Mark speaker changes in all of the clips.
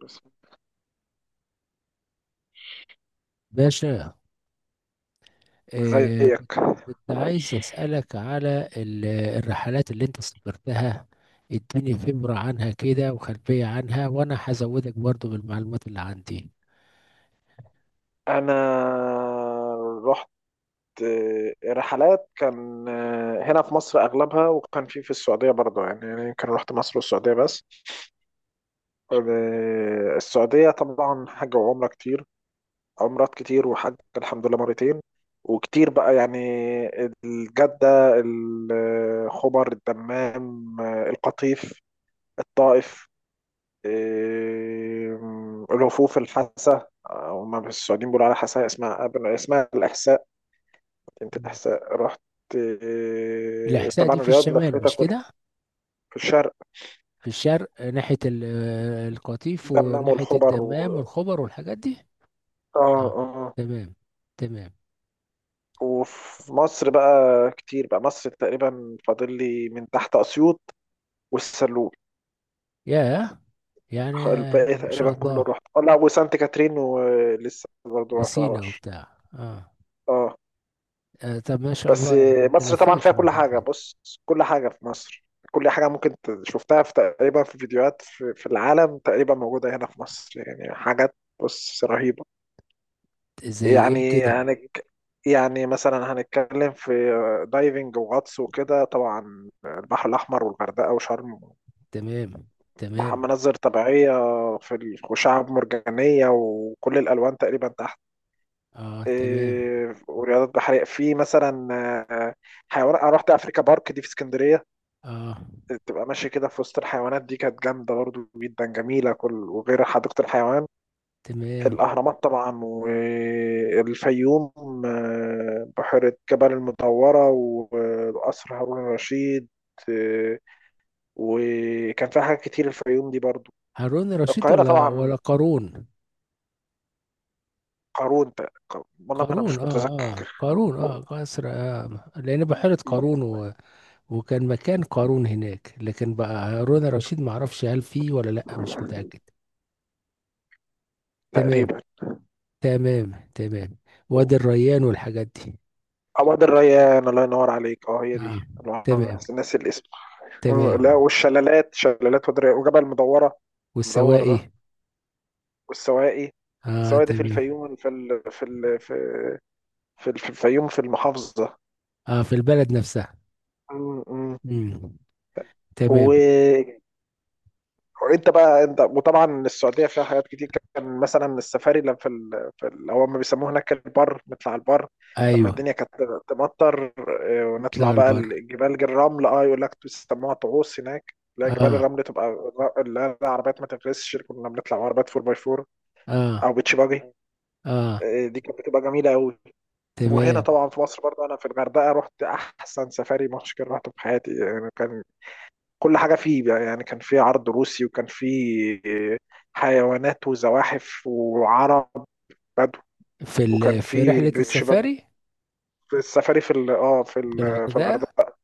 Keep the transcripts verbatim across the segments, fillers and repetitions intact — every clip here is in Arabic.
Speaker 1: بس
Speaker 2: باشا. آه كنت
Speaker 1: زيك.
Speaker 2: كنت عايز أسألك على ال- الرحلات اللي انت سافرتها. اديني فبرة عنها كده وخلفية عنها، وانا هزودك برضو بالمعلومات اللي عندي.
Speaker 1: انا رحت آه، رحلات كان آه، هنا في مصر اغلبها وكان في في السعوديه برضه يعني يعني يمكن رحت مصر والسعوديه بس. آه، السعوديه طبعا حج وعمره كتير، عمرات كتير وحج الحمد لله مرتين وكتير بقى يعني. الجده، الخبر، الدمام، آه، القطيف، الطائف، إيه، رفوف الحسا. آه، هما السعوديين بيقولوا على حسا اسمها، قبل اسمها الإحساء، مدينة
Speaker 2: مم.
Speaker 1: الإحساء رحت. إيه،
Speaker 2: الإحساء
Speaker 1: طبعا
Speaker 2: دي في
Speaker 1: الرياض
Speaker 2: الشمال
Speaker 1: لفتها
Speaker 2: مش
Speaker 1: كلها.
Speaker 2: كده؟
Speaker 1: في الشرق،
Speaker 2: في الشرق. آه، ناحية ال- آه، القطيف
Speaker 1: دمام
Speaker 2: وناحية
Speaker 1: والخبر و...
Speaker 2: الدمام والخبر والحاجات دي.
Speaker 1: اه
Speaker 2: اه
Speaker 1: اه.
Speaker 2: تمام تمام.
Speaker 1: وفي مصر بقى كتير، بقى مصر تقريبا فاضل لي من تحت أسيوط والسلول،
Speaker 2: ياه. يعني
Speaker 1: الباقي
Speaker 2: ما
Speaker 1: تقريبا
Speaker 2: شاء
Speaker 1: كله
Speaker 2: الله.
Speaker 1: رحت. اه لا، وسانت كاترين ولسه برضه ما
Speaker 2: وسينا
Speaker 1: رحتهاش.
Speaker 2: وبتاع اه.
Speaker 1: اه
Speaker 2: آه، طب ما شاء
Speaker 1: بس.
Speaker 2: الله يعني انت
Speaker 1: مصر طبعا
Speaker 2: لفيت
Speaker 1: فيها كل حاجة،
Speaker 2: المحافظات.
Speaker 1: بص كل حاجة في مصر. كل حاجة ممكن ت- شفتها في تقريبا في فيديوهات في, في العالم تقريبا موجودة هنا في مصر، يعني حاجات بص رهيبة.
Speaker 2: زي ايه
Speaker 1: يعني
Speaker 2: كده؟
Speaker 1: هنك يعني مثلا هنتكلم في دايفنج وغطس وكده، طبعا البحر الأحمر والغردقة وشرم.
Speaker 2: تمام
Speaker 1: مح-
Speaker 2: تمام.
Speaker 1: مناظر طبيعية في ال- وشعب مرجانية وكل الألوان تقريبا تحت.
Speaker 2: اه تمام.
Speaker 1: إيه، ورياضات بحرية في مثلا آه، حيوانات. أنا رحت أفريكا بارك دي في اسكندرية،
Speaker 2: اه
Speaker 1: تبقى ماشي كده في وسط الحيوانات، دي كانت جامدة برضو جدا جميلة، كل وغير حديقة الحيوان.
Speaker 2: تمام.
Speaker 1: الأهرامات طبعا والفيوم. آه، بحيرة جبل المدورة وقصر هارون الرشيد. آه، وكان فيها حاجات كتير الفيوم دي برضو.
Speaker 2: هارون رشيد
Speaker 1: القاهرة
Speaker 2: ولا
Speaker 1: طبعا.
Speaker 2: ولا قارون؟
Speaker 1: قارون، تق- والله ما أنا
Speaker 2: قارون
Speaker 1: مش
Speaker 2: اه. اه
Speaker 1: متذكر.
Speaker 2: قارون اه قصر، آه لان بحيرة قارون و... وكان مكان قارون هناك، لكن بقى هارون رشيد ما اعرفش هل فيه ولا لا، مش متأكد. تمام
Speaker 1: تقريبا.
Speaker 2: تمام تمام. وادي الريان والحاجات دي.
Speaker 1: أو وادي الريان، الله ينور عليك، اه هي دي.
Speaker 2: اه
Speaker 1: الله-
Speaker 2: تمام
Speaker 1: ناس الاسم. آه، لا
Speaker 2: تمام.
Speaker 1: والشلالات، شلالات ودريا وجبل مدورة، مدور ده،
Speaker 2: والسواقي.
Speaker 1: والسواقي.
Speaker 2: اه
Speaker 1: السواقي دي في
Speaker 2: تمام.
Speaker 1: الفيوم، في ال... في ال... في في ال- في الفيوم في المحافظة.
Speaker 2: اه في البلد نفسها.
Speaker 1: م- م.
Speaker 2: امم.
Speaker 1: و...
Speaker 2: تمام.
Speaker 1: وانت بقى انت. وطبعا السعودية فيها حاجات كتير، كان مثلا السفاري لما في ال... في ال... هو ما بيسموه هناك البر، نطلع البر لما
Speaker 2: ايوه.
Speaker 1: الدنيا كانت تمطر. آه، ونطلع
Speaker 2: يطلعوا
Speaker 1: بقى
Speaker 2: البر.
Speaker 1: الجبال الرمل، اه يقول لك بيسموها طعوس هناك، لا جبال
Speaker 2: اه
Speaker 1: الرمل تبقى الر- لا لا، العربيات ما تفرسش، كنا بنطلع عربيات أربعة باي أربعة
Speaker 2: اه
Speaker 1: او بيتش باجي.
Speaker 2: اه.
Speaker 1: آه، دي كانت بتبقى جميله قوي. وهنا
Speaker 2: تمام.
Speaker 1: طبعا في مصر برضه انا في الغردقه رحت احسن سفاري مشكل رحته في حياتي، يعني كان كل حاجه فيه بقى، يعني كان فيه عرض روسي وكان فيه حيوانات وزواحف وعرب بدو،
Speaker 2: في
Speaker 1: وكان
Speaker 2: ال... في
Speaker 1: فيه
Speaker 2: رحلة
Speaker 1: بيتش باجي
Speaker 2: السفاري.
Speaker 1: في السفاري في ال- اه في
Speaker 2: في
Speaker 1: ال- في
Speaker 2: الغردقة.
Speaker 1: الغردقه.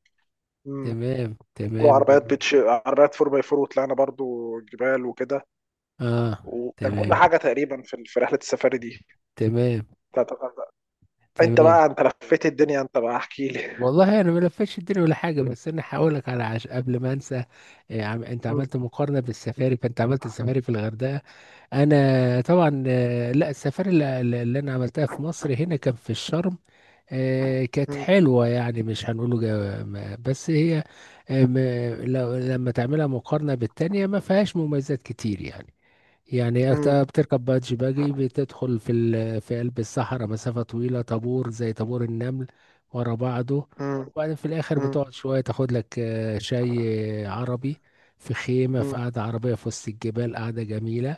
Speaker 1: مم.
Speaker 2: تمام تمام
Speaker 1: وعربيات
Speaker 2: جميل.
Speaker 1: بيتش، عربيات أربعة باي أربعة، وطلعنا برضو جبال وكده،
Speaker 2: اه.
Speaker 1: وكان كل
Speaker 2: تمام
Speaker 1: حاجه تقريبا في في رحله السفاري دي
Speaker 2: تمام
Speaker 1: بتاعت الغردقه. انت
Speaker 2: تمام.
Speaker 1: بقى، انت لفيت الدنيا، انت بقى احكي لي.
Speaker 2: والله انا ما لفتش الدنيا ولا حاجه، بس انا هقول لك على عش... قبل ما انسى. إيه عم... انت عملت مقارنه بالسفاري، فانت عملت السفاري في الغردقه. انا طبعا. آه، لا، السفاري اللي, اللي انا عملتها في مصر هنا كان في الشرم. آه، كانت حلوة يعني، مش هنقوله جا- ما- بس هي آه، ما- لو لما تعملها مقارنة بالتانية ما فيهاش مميزات كتير يعني. يعني أكت- بتركب بادج باجي، بتدخل في ال... في قلب الصحراء مسافة طويلة، طابور زي طابور النمل ورا بعضه. وبعدين في الآخر بتقعد شوية تاخد لك آه، شاي آه، عربي، في خيمة في قعدة عربية في وسط الجبال، قعدة جميلة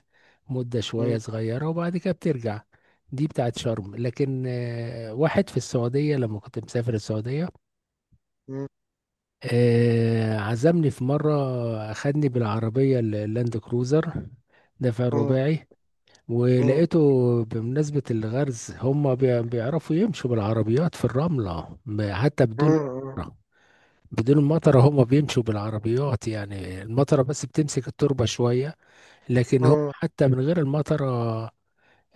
Speaker 2: مدة شوية صغيرة، وبعد كده بترجع. دي بتاعت شرم. لكن آه، واحد في السعودية لما كنت مسافر السعودية آه، عزمني في مرة، أخدني بالعربية اللاند كروزر دفع الرباعي. ولقيته، بمناسبة الغرز، هم بي- بيعرفوا يمشوا بالعربيات في الرملة م- حتى بدون مطرة. بدون المطرة هم بيمشوا بالعربيات، يعني المطرة بس بتمسك التربة شوية، لكن هم حتى من غير المطرة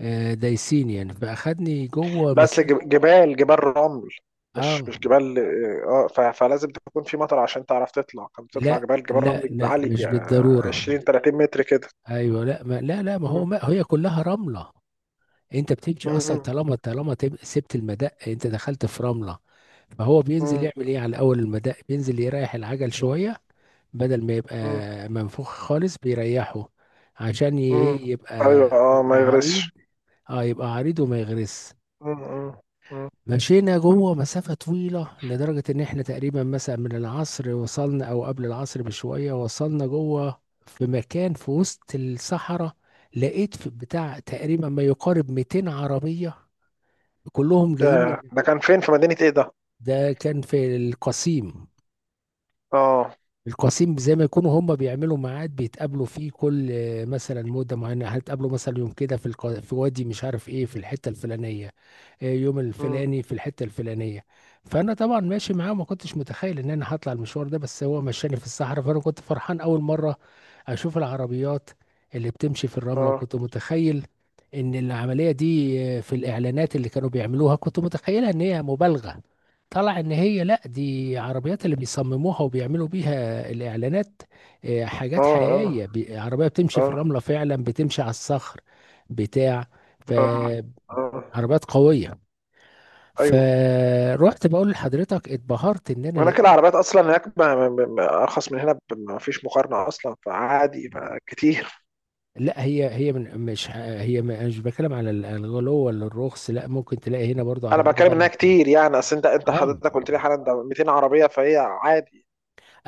Speaker 2: آه، دايسين يعني. فأخدني جوه
Speaker 1: بس
Speaker 2: مسافة.
Speaker 1: جب- جبال، جبال رمل مش
Speaker 2: اه
Speaker 1: مش جبال اه، ف- فلازم تكون في مطر عشان تعرف تطلع. كنت بتطلع
Speaker 2: لا
Speaker 1: جبال، جبال
Speaker 2: لا
Speaker 1: رمل
Speaker 2: لا مش
Speaker 1: عالية،
Speaker 2: بالضرورة.
Speaker 1: عشرين تلاتين متر كده.
Speaker 2: ايوه لا ما لا لا ما هو
Speaker 1: مم.
Speaker 2: ما هي كلها رملة. انت بتمشي اصلا،
Speaker 1: مم.
Speaker 2: طالما طالما تب- سبت المدق انت دخلت في رمله، فهو بينزل
Speaker 1: مم.
Speaker 2: يعمل ايه، على اول المدق بينزل يريح العجل شويه، بدل ما يبقى
Speaker 1: مم.
Speaker 2: منفوخ خالص بيريحه، عشان ي-
Speaker 1: مم.
Speaker 2: ايه يبقى،
Speaker 1: ايوه اه، ما
Speaker 2: يبقى عريض.
Speaker 1: يغرسش.
Speaker 2: اه يبقى عريض وما يغرس.
Speaker 1: مم. مم. مم.
Speaker 2: مشينا جوه مسافة طويلة، لدرجة إن إحنا تقريبا مثلا من العصر وصلنا، أو قبل العصر بشوية وصلنا جوه في مكان في وسط الصحراء. لقيت في بتاع تقريبا ما يقارب مئتين عربية كلهم جايين
Speaker 1: ده
Speaker 2: من.
Speaker 1: ده كان فين؟ في مدينة ايه ده؟
Speaker 2: ده كان في القصيم.
Speaker 1: اه.
Speaker 2: القصيم زي ما يكونوا هم بيعملوا ميعاد بيتقابلوا فيه كل آه، مثلا مدة معينة، هتقابلوا مثلا يوم كده في الق... في وادي مش عارف ايه، في الحتة الفلانية. آه، يوم
Speaker 1: مم.
Speaker 2: الفلاني في الحتة الفلانية. فأنا طبعا ماشي معاه، وما كنتش متخيل إن أنا هطلع المشوار ده. بس هو مشاني في الصحراء، فأنا كنت فرحان أول مرة أشوف العربيات اللي بتمشي في الرملة.
Speaker 1: اه
Speaker 2: وكنت متخيل إن العملية دي آه، في الإعلانات اللي كانوا بيعملوها كنت متخيلها إن هي مبالغة. طلع إن هي لأ، دي عربيات اللي بيصمموها وبيعملوا بيها الإعلانات، آه، حاجات حقيقية.
Speaker 1: اه
Speaker 2: بي- عربية بتمشي
Speaker 1: اه
Speaker 2: في
Speaker 1: اه
Speaker 2: الرملة فعلا، بتمشي على الصخر بتاع.
Speaker 1: اه
Speaker 2: فعربيات
Speaker 1: اه.
Speaker 2: قوية.
Speaker 1: ايوه،
Speaker 2: فروحت بقول لحضرتك اتبهرت ان انا
Speaker 1: هناك
Speaker 2: لقيت.
Speaker 1: العربيات اصلا هناك ما- ما- ما- ما ارخص من هنا، ب- ما فيش مقارنه اصلا، فعادي ما كتير.
Speaker 2: لا هي هي من مش ه- هي م- أنا مش بتكلم على ال- الغلو ولا الرخص، لا ممكن تلاقي هنا برضو
Speaker 1: انا
Speaker 2: عربيات
Speaker 1: بتكلم انها
Speaker 2: غاليه كتير.
Speaker 1: كتير، يعني اصل انت انت
Speaker 2: اه
Speaker 1: حضرتك قلت لي حالا ده ميتين عربيه، فهي عادي.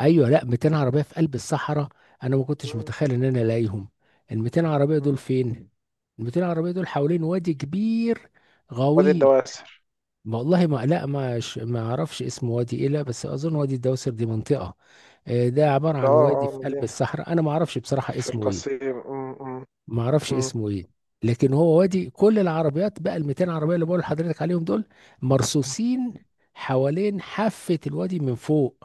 Speaker 2: ايوه. لا مئتين عربيه في قلب الصحراء، انا ما كنتش
Speaker 1: مم.
Speaker 2: متخيل ان انا الاقيهم. ال ميتين عربيه دول
Speaker 1: مم.
Speaker 2: فين؟ ال مئتين عربيه دول حوالين وادي كبير
Speaker 1: وادي
Speaker 2: غويط.
Speaker 1: الدواسر.
Speaker 2: ما والله ما، لا ما ش- ما اعرفش اسم وادي ايه، لا بس اظن وادي الدوسر دي منطقه. آه، ده عباره
Speaker 1: ده
Speaker 2: عن
Speaker 1: اه
Speaker 2: وادي
Speaker 1: اه،
Speaker 2: في قلب
Speaker 1: مدينه
Speaker 2: الصحراء، انا ما اعرفش بصراحه
Speaker 1: في
Speaker 2: اسمه ايه.
Speaker 1: القصيم. مم. مم.
Speaker 2: ما اعرفش
Speaker 1: مم.
Speaker 2: اسمه ايه. لكن هو وادي كل العربيات بقى ال مئتين عربيه اللي بقول لحضرتك عليهم دول مرصوصين حوالين حافه الوادي من فوق،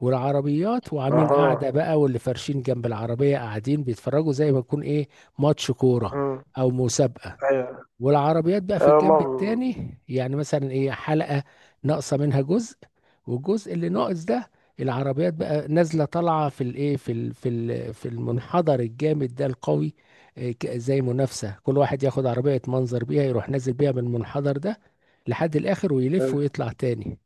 Speaker 2: والعربيات وعاملين
Speaker 1: اها.
Speaker 2: قاعده بقى، واللي فارشين جنب العربيه قاعدين بيتفرجوا زي ما يكون ايه ماتش كوره
Speaker 1: مم.
Speaker 2: او مسابقه،
Speaker 1: ايوه
Speaker 2: والعربيات بقى في
Speaker 1: ايوه.
Speaker 2: الجنب
Speaker 1: مم.
Speaker 2: التاني يعني مثلا ايه حلقة ناقصة منها جزء، والجزء اللي ناقص ده العربيات بقى نازلة طالعة في الايه في ال في ال في المنحدر الجامد ده القوي، إيه، ك- زي منافسة، كل واحد ياخد عربية يتمنظر بيها، يروح نازل بيها من المنحدر ده لحد الاخر ويلف ويطلع تاني،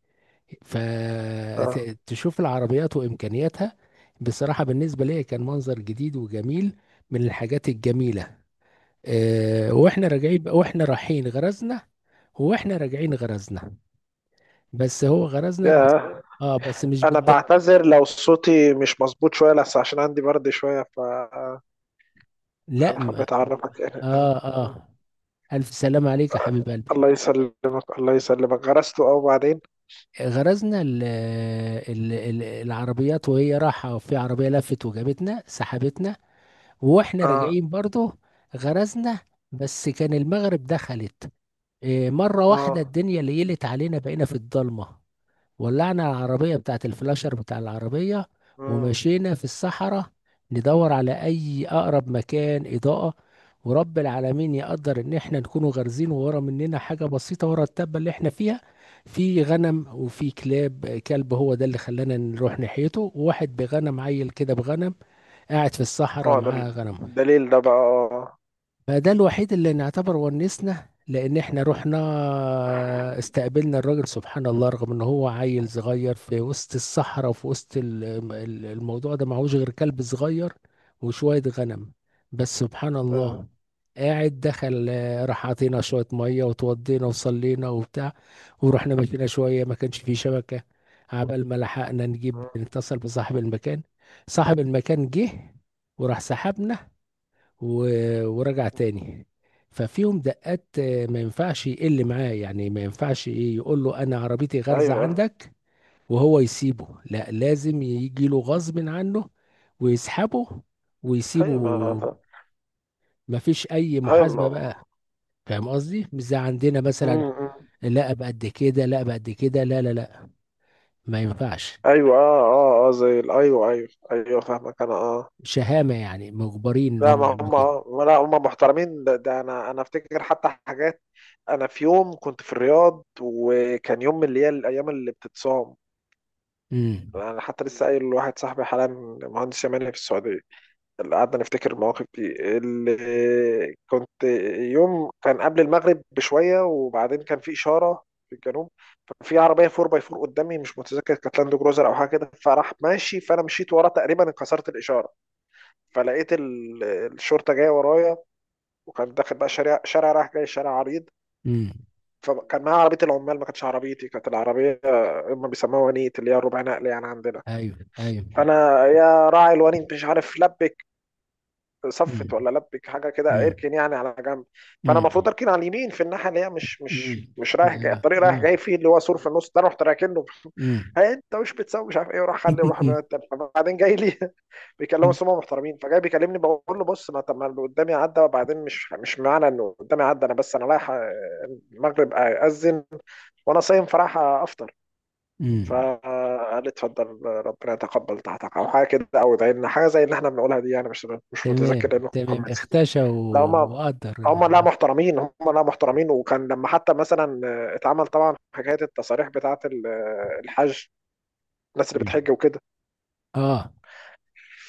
Speaker 1: اه.
Speaker 2: فتشوف العربيات وامكانياتها. بصراحة بالنسبة لي كان منظر جديد وجميل، من الحاجات الجميلة. آه، واحنا راجعين، واحنا رايحين غرزنا، واحنا راجعين غرزنا. بس هو غرزنا بس.
Speaker 1: يا،
Speaker 2: اه بس مش
Speaker 1: انا
Speaker 2: بالضبط.
Speaker 1: بعتذر لو صوتي مش مظبوط شويه، بس عشان عندي برد شويه، فانا
Speaker 2: لا ما.
Speaker 1: حبيت اعرفك يعني.
Speaker 2: اه اه الف سلام عليك يا حبيب قلبي.
Speaker 1: الله يسلمك، الله يسلمك. غرسته اه، وبعدين؟
Speaker 2: غرزنا ال ال ال العربيات، وهي رايحه في عربيه لفت وجابتنا سحبتنا. واحنا
Speaker 1: اه
Speaker 2: راجعين برضه غرزنا، بس كان المغرب دخلت، آه، مره واحده
Speaker 1: اه.
Speaker 2: الدنيا ليلت علينا، بقينا في الضلمه. ولعنا العربية بتاعة الفلاشر بتاع العربية،
Speaker 1: مم.
Speaker 2: ومشينا في الصحراء ندور على أي أقرب مكان إضاءة. ورب العالمين يقدر إن إحنا نكونوا غارزين ورا مننا حاجة بسيطة ورا التبة اللي إحنا فيها، في غنم وفي كلاب، كلب هو ده اللي خلانا نروح ناحيته، وواحد بغنم عيل كده بغنم قاعد في الصحراء
Speaker 1: هو ده
Speaker 2: معاه غنم.
Speaker 1: الدليل ده بقى، اه.
Speaker 2: فده الوحيد اللي نعتبر ونسنا، لان احنا رحنا استقبلنا الراجل. سبحان الله، رغم ان هو عيل صغير في وسط الصحراء، وفي وسط ال- ال- الموضوع ده، معهوش غير كلب صغير وشوية غنم، بس سبحان
Speaker 1: آه.
Speaker 2: الله قاعد دخل. آه، راح عطينا شوية مية وتوضينا وصلينا وبتاع، ورحنا مشينا شوية. ما كانش فيه شبكة عبال ما لحقنا نجيب
Speaker 1: مم.
Speaker 2: نتصل بصاحب المكان. صاحب المكان جه، وراح سحبنا و- ورجع تاني. ففيهم دقات، آه، ما ينفعش يقل معاه، يعني ما ينفعش ايه، يقول له انا عربيتي غارزة
Speaker 1: ايوه
Speaker 2: عندك وهو يسيبه، لا لازم يجي له غصب عنه ويسحبه ويسيبه.
Speaker 1: ايوه ما
Speaker 2: مفيش اي
Speaker 1: ايوه
Speaker 2: محاسبة
Speaker 1: ما-
Speaker 2: بقى. فاهم قصدي؟ مش زي عندنا
Speaker 1: مم.
Speaker 2: مثلا،
Speaker 1: مم.
Speaker 2: لا بقد كده لا بقد كده لا لا لا، ما ينفعش.
Speaker 1: ايوه اه اه اه، زي ال- ايوه ايوه ايوه، فاهمك انا، اه.
Speaker 2: شهامة يعني، مجبرين ان
Speaker 1: لا
Speaker 2: هم
Speaker 1: ما
Speaker 2: يعملوا
Speaker 1: هم،
Speaker 2: كده.
Speaker 1: آه، لا هم محترمين، ده, ده انا انا افتكر حتى حاجات. انا في يوم كنت في الرياض، وكان يوم من اللي هي الايام اللي بتتصام.
Speaker 2: امم
Speaker 1: انا حتى لسه قايل لواحد صاحبي حالا، مهندس يماني في السعوديه، اللي قعدنا نفتكر المواقف دي اللي كنت. يوم كان قبل المغرب بشوية، وبعدين كان في إشارة في الجنوب، ففي عربية أربعة باي أربعة قدامي، مش متذكر كانت لاند كروزر أو حاجة كده، فراح ماشي، فأنا مشيت وراه، تقريبا انكسرت الإشارة، فلقيت ال- الشرطة جاية ورايا. وكان داخل بقى شارع، شارع رايح جاي، شارع عريض.
Speaker 2: امم
Speaker 1: فكان معايا عربية العمال، ما كانتش عربيتي، كانت العربية هم بيسموها ونيت، اللي هي الربع نقل يعني عندنا.
Speaker 2: ايوه ايوه
Speaker 1: فأنا يا راعي الونيت، مش عارف لبك صفت
Speaker 2: امم
Speaker 1: ولا لبك حاجه كده،
Speaker 2: امم
Speaker 1: اركن يعني على جنب. فانا
Speaker 2: امم.
Speaker 1: المفروض اركن على اليمين، في الناحيه اللي هي مش مش
Speaker 2: امم
Speaker 1: مش رايح جاي،
Speaker 2: اه
Speaker 1: الطريق
Speaker 2: اه
Speaker 1: رايح جاي، فيه اللي هو سور في النص ده، رحت راكنه.
Speaker 2: امم
Speaker 1: هي انت مش بتسوي مش عارف ايه، وراح خلي وراح. بعدين جاي لي بيكلموا سمو، محترمين، فجاي بيكلمني، بقول له بص ما طب ما اللي قدامي عدى، وبعدين مش مش معنى انه قدامي عدى انا، بس انا رايح آه، المغرب اذن، وانا صايم، فراح افطر.
Speaker 2: امم
Speaker 1: فقال لي اتفضل، ربنا يتقبل طاعتك، او حاجه كده، او ادعي لنا حاجه زي اللي احنا بنقولها دي يعني. مش مش
Speaker 2: تمام
Speaker 1: متذكر لانه
Speaker 2: تمام
Speaker 1: كومنتس.
Speaker 2: اختشى
Speaker 1: لا هم،
Speaker 2: و- وقدر
Speaker 1: هم لا
Speaker 2: الموضوع.
Speaker 1: محترمين هم، لا محترمين. وكان لما حتى مثلا آه، اتعمل طبعا حكايه التصاريح بتاعه ال- آه، الحج، الناس اللي
Speaker 2: مم.
Speaker 1: بتحج وكده.
Speaker 2: اه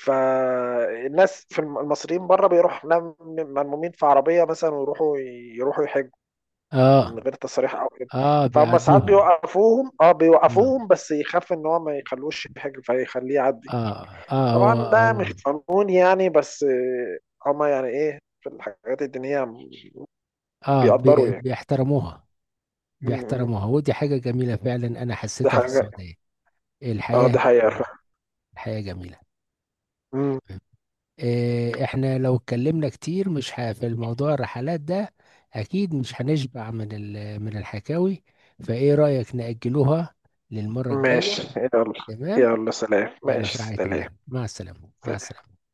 Speaker 1: فالناس في الم- المصريين بره بيروحوا نم- ملمومين في عربيه مثلا ويروحوا، يروحوا يحجوا
Speaker 2: اه
Speaker 1: من غير تصاريح او كده.
Speaker 2: اه
Speaker 1: فهم ساعات
Speaker 2: بيعدوه.
Speaker 1: بيوقفوهم، اه
Speaker 2: اه
Speaker 1: بيوقفوهم بس يخاف ان هو ما يخلوش يحج فيخليه يعدي.
Speaker 2: اه اه هو
Speaker 1: طبعا ده
Speaker 2: هو.
Speaker 1: مش قانون يعني، بس آه، هم يعني ايه، في الحاجات الدينيه
Speaker 2: اه بي-
Speaker 1: بيقدروا
Speaker 2: بيحترموها.
Speaker 1: يعني.
Speaker 2: بيحترموها، ودي حاجة جميلة فعلا، انا
Speaker 1: دي
Speaker 2: حسيتها في
Speaker 1: حاجة،
Speaker 2: السعودية.
Speaker 1: اه
Speaker 2: الحياة
Speaker 1: دي
Speaker 2: هناك
Speaker 1: حقيقة
Speaker 2: جميلة.
Speaker 1: فعلا.
Speaker 2: الحياة جميلة.
Speaker 1: مم.
Speaker 2: إيه، احنا لو اتكلمنا كتير مش ه... في الموضوع الرحلات ده اكيد مش هنشبع من ال... من الحكاوي، فايه رأيك نأجلوها للمرة الجاية.
Speaker 1: ماشي، يلا.
Speaker 2: تمام.
Speaker 1: يلا سلام،
Speaker 2: يلا
Speaker 1: ماشي،
Speaker 2: في رعاية
Speaker 1: سلام.
Speaker 2: الله، مع السلامة مع السلامة.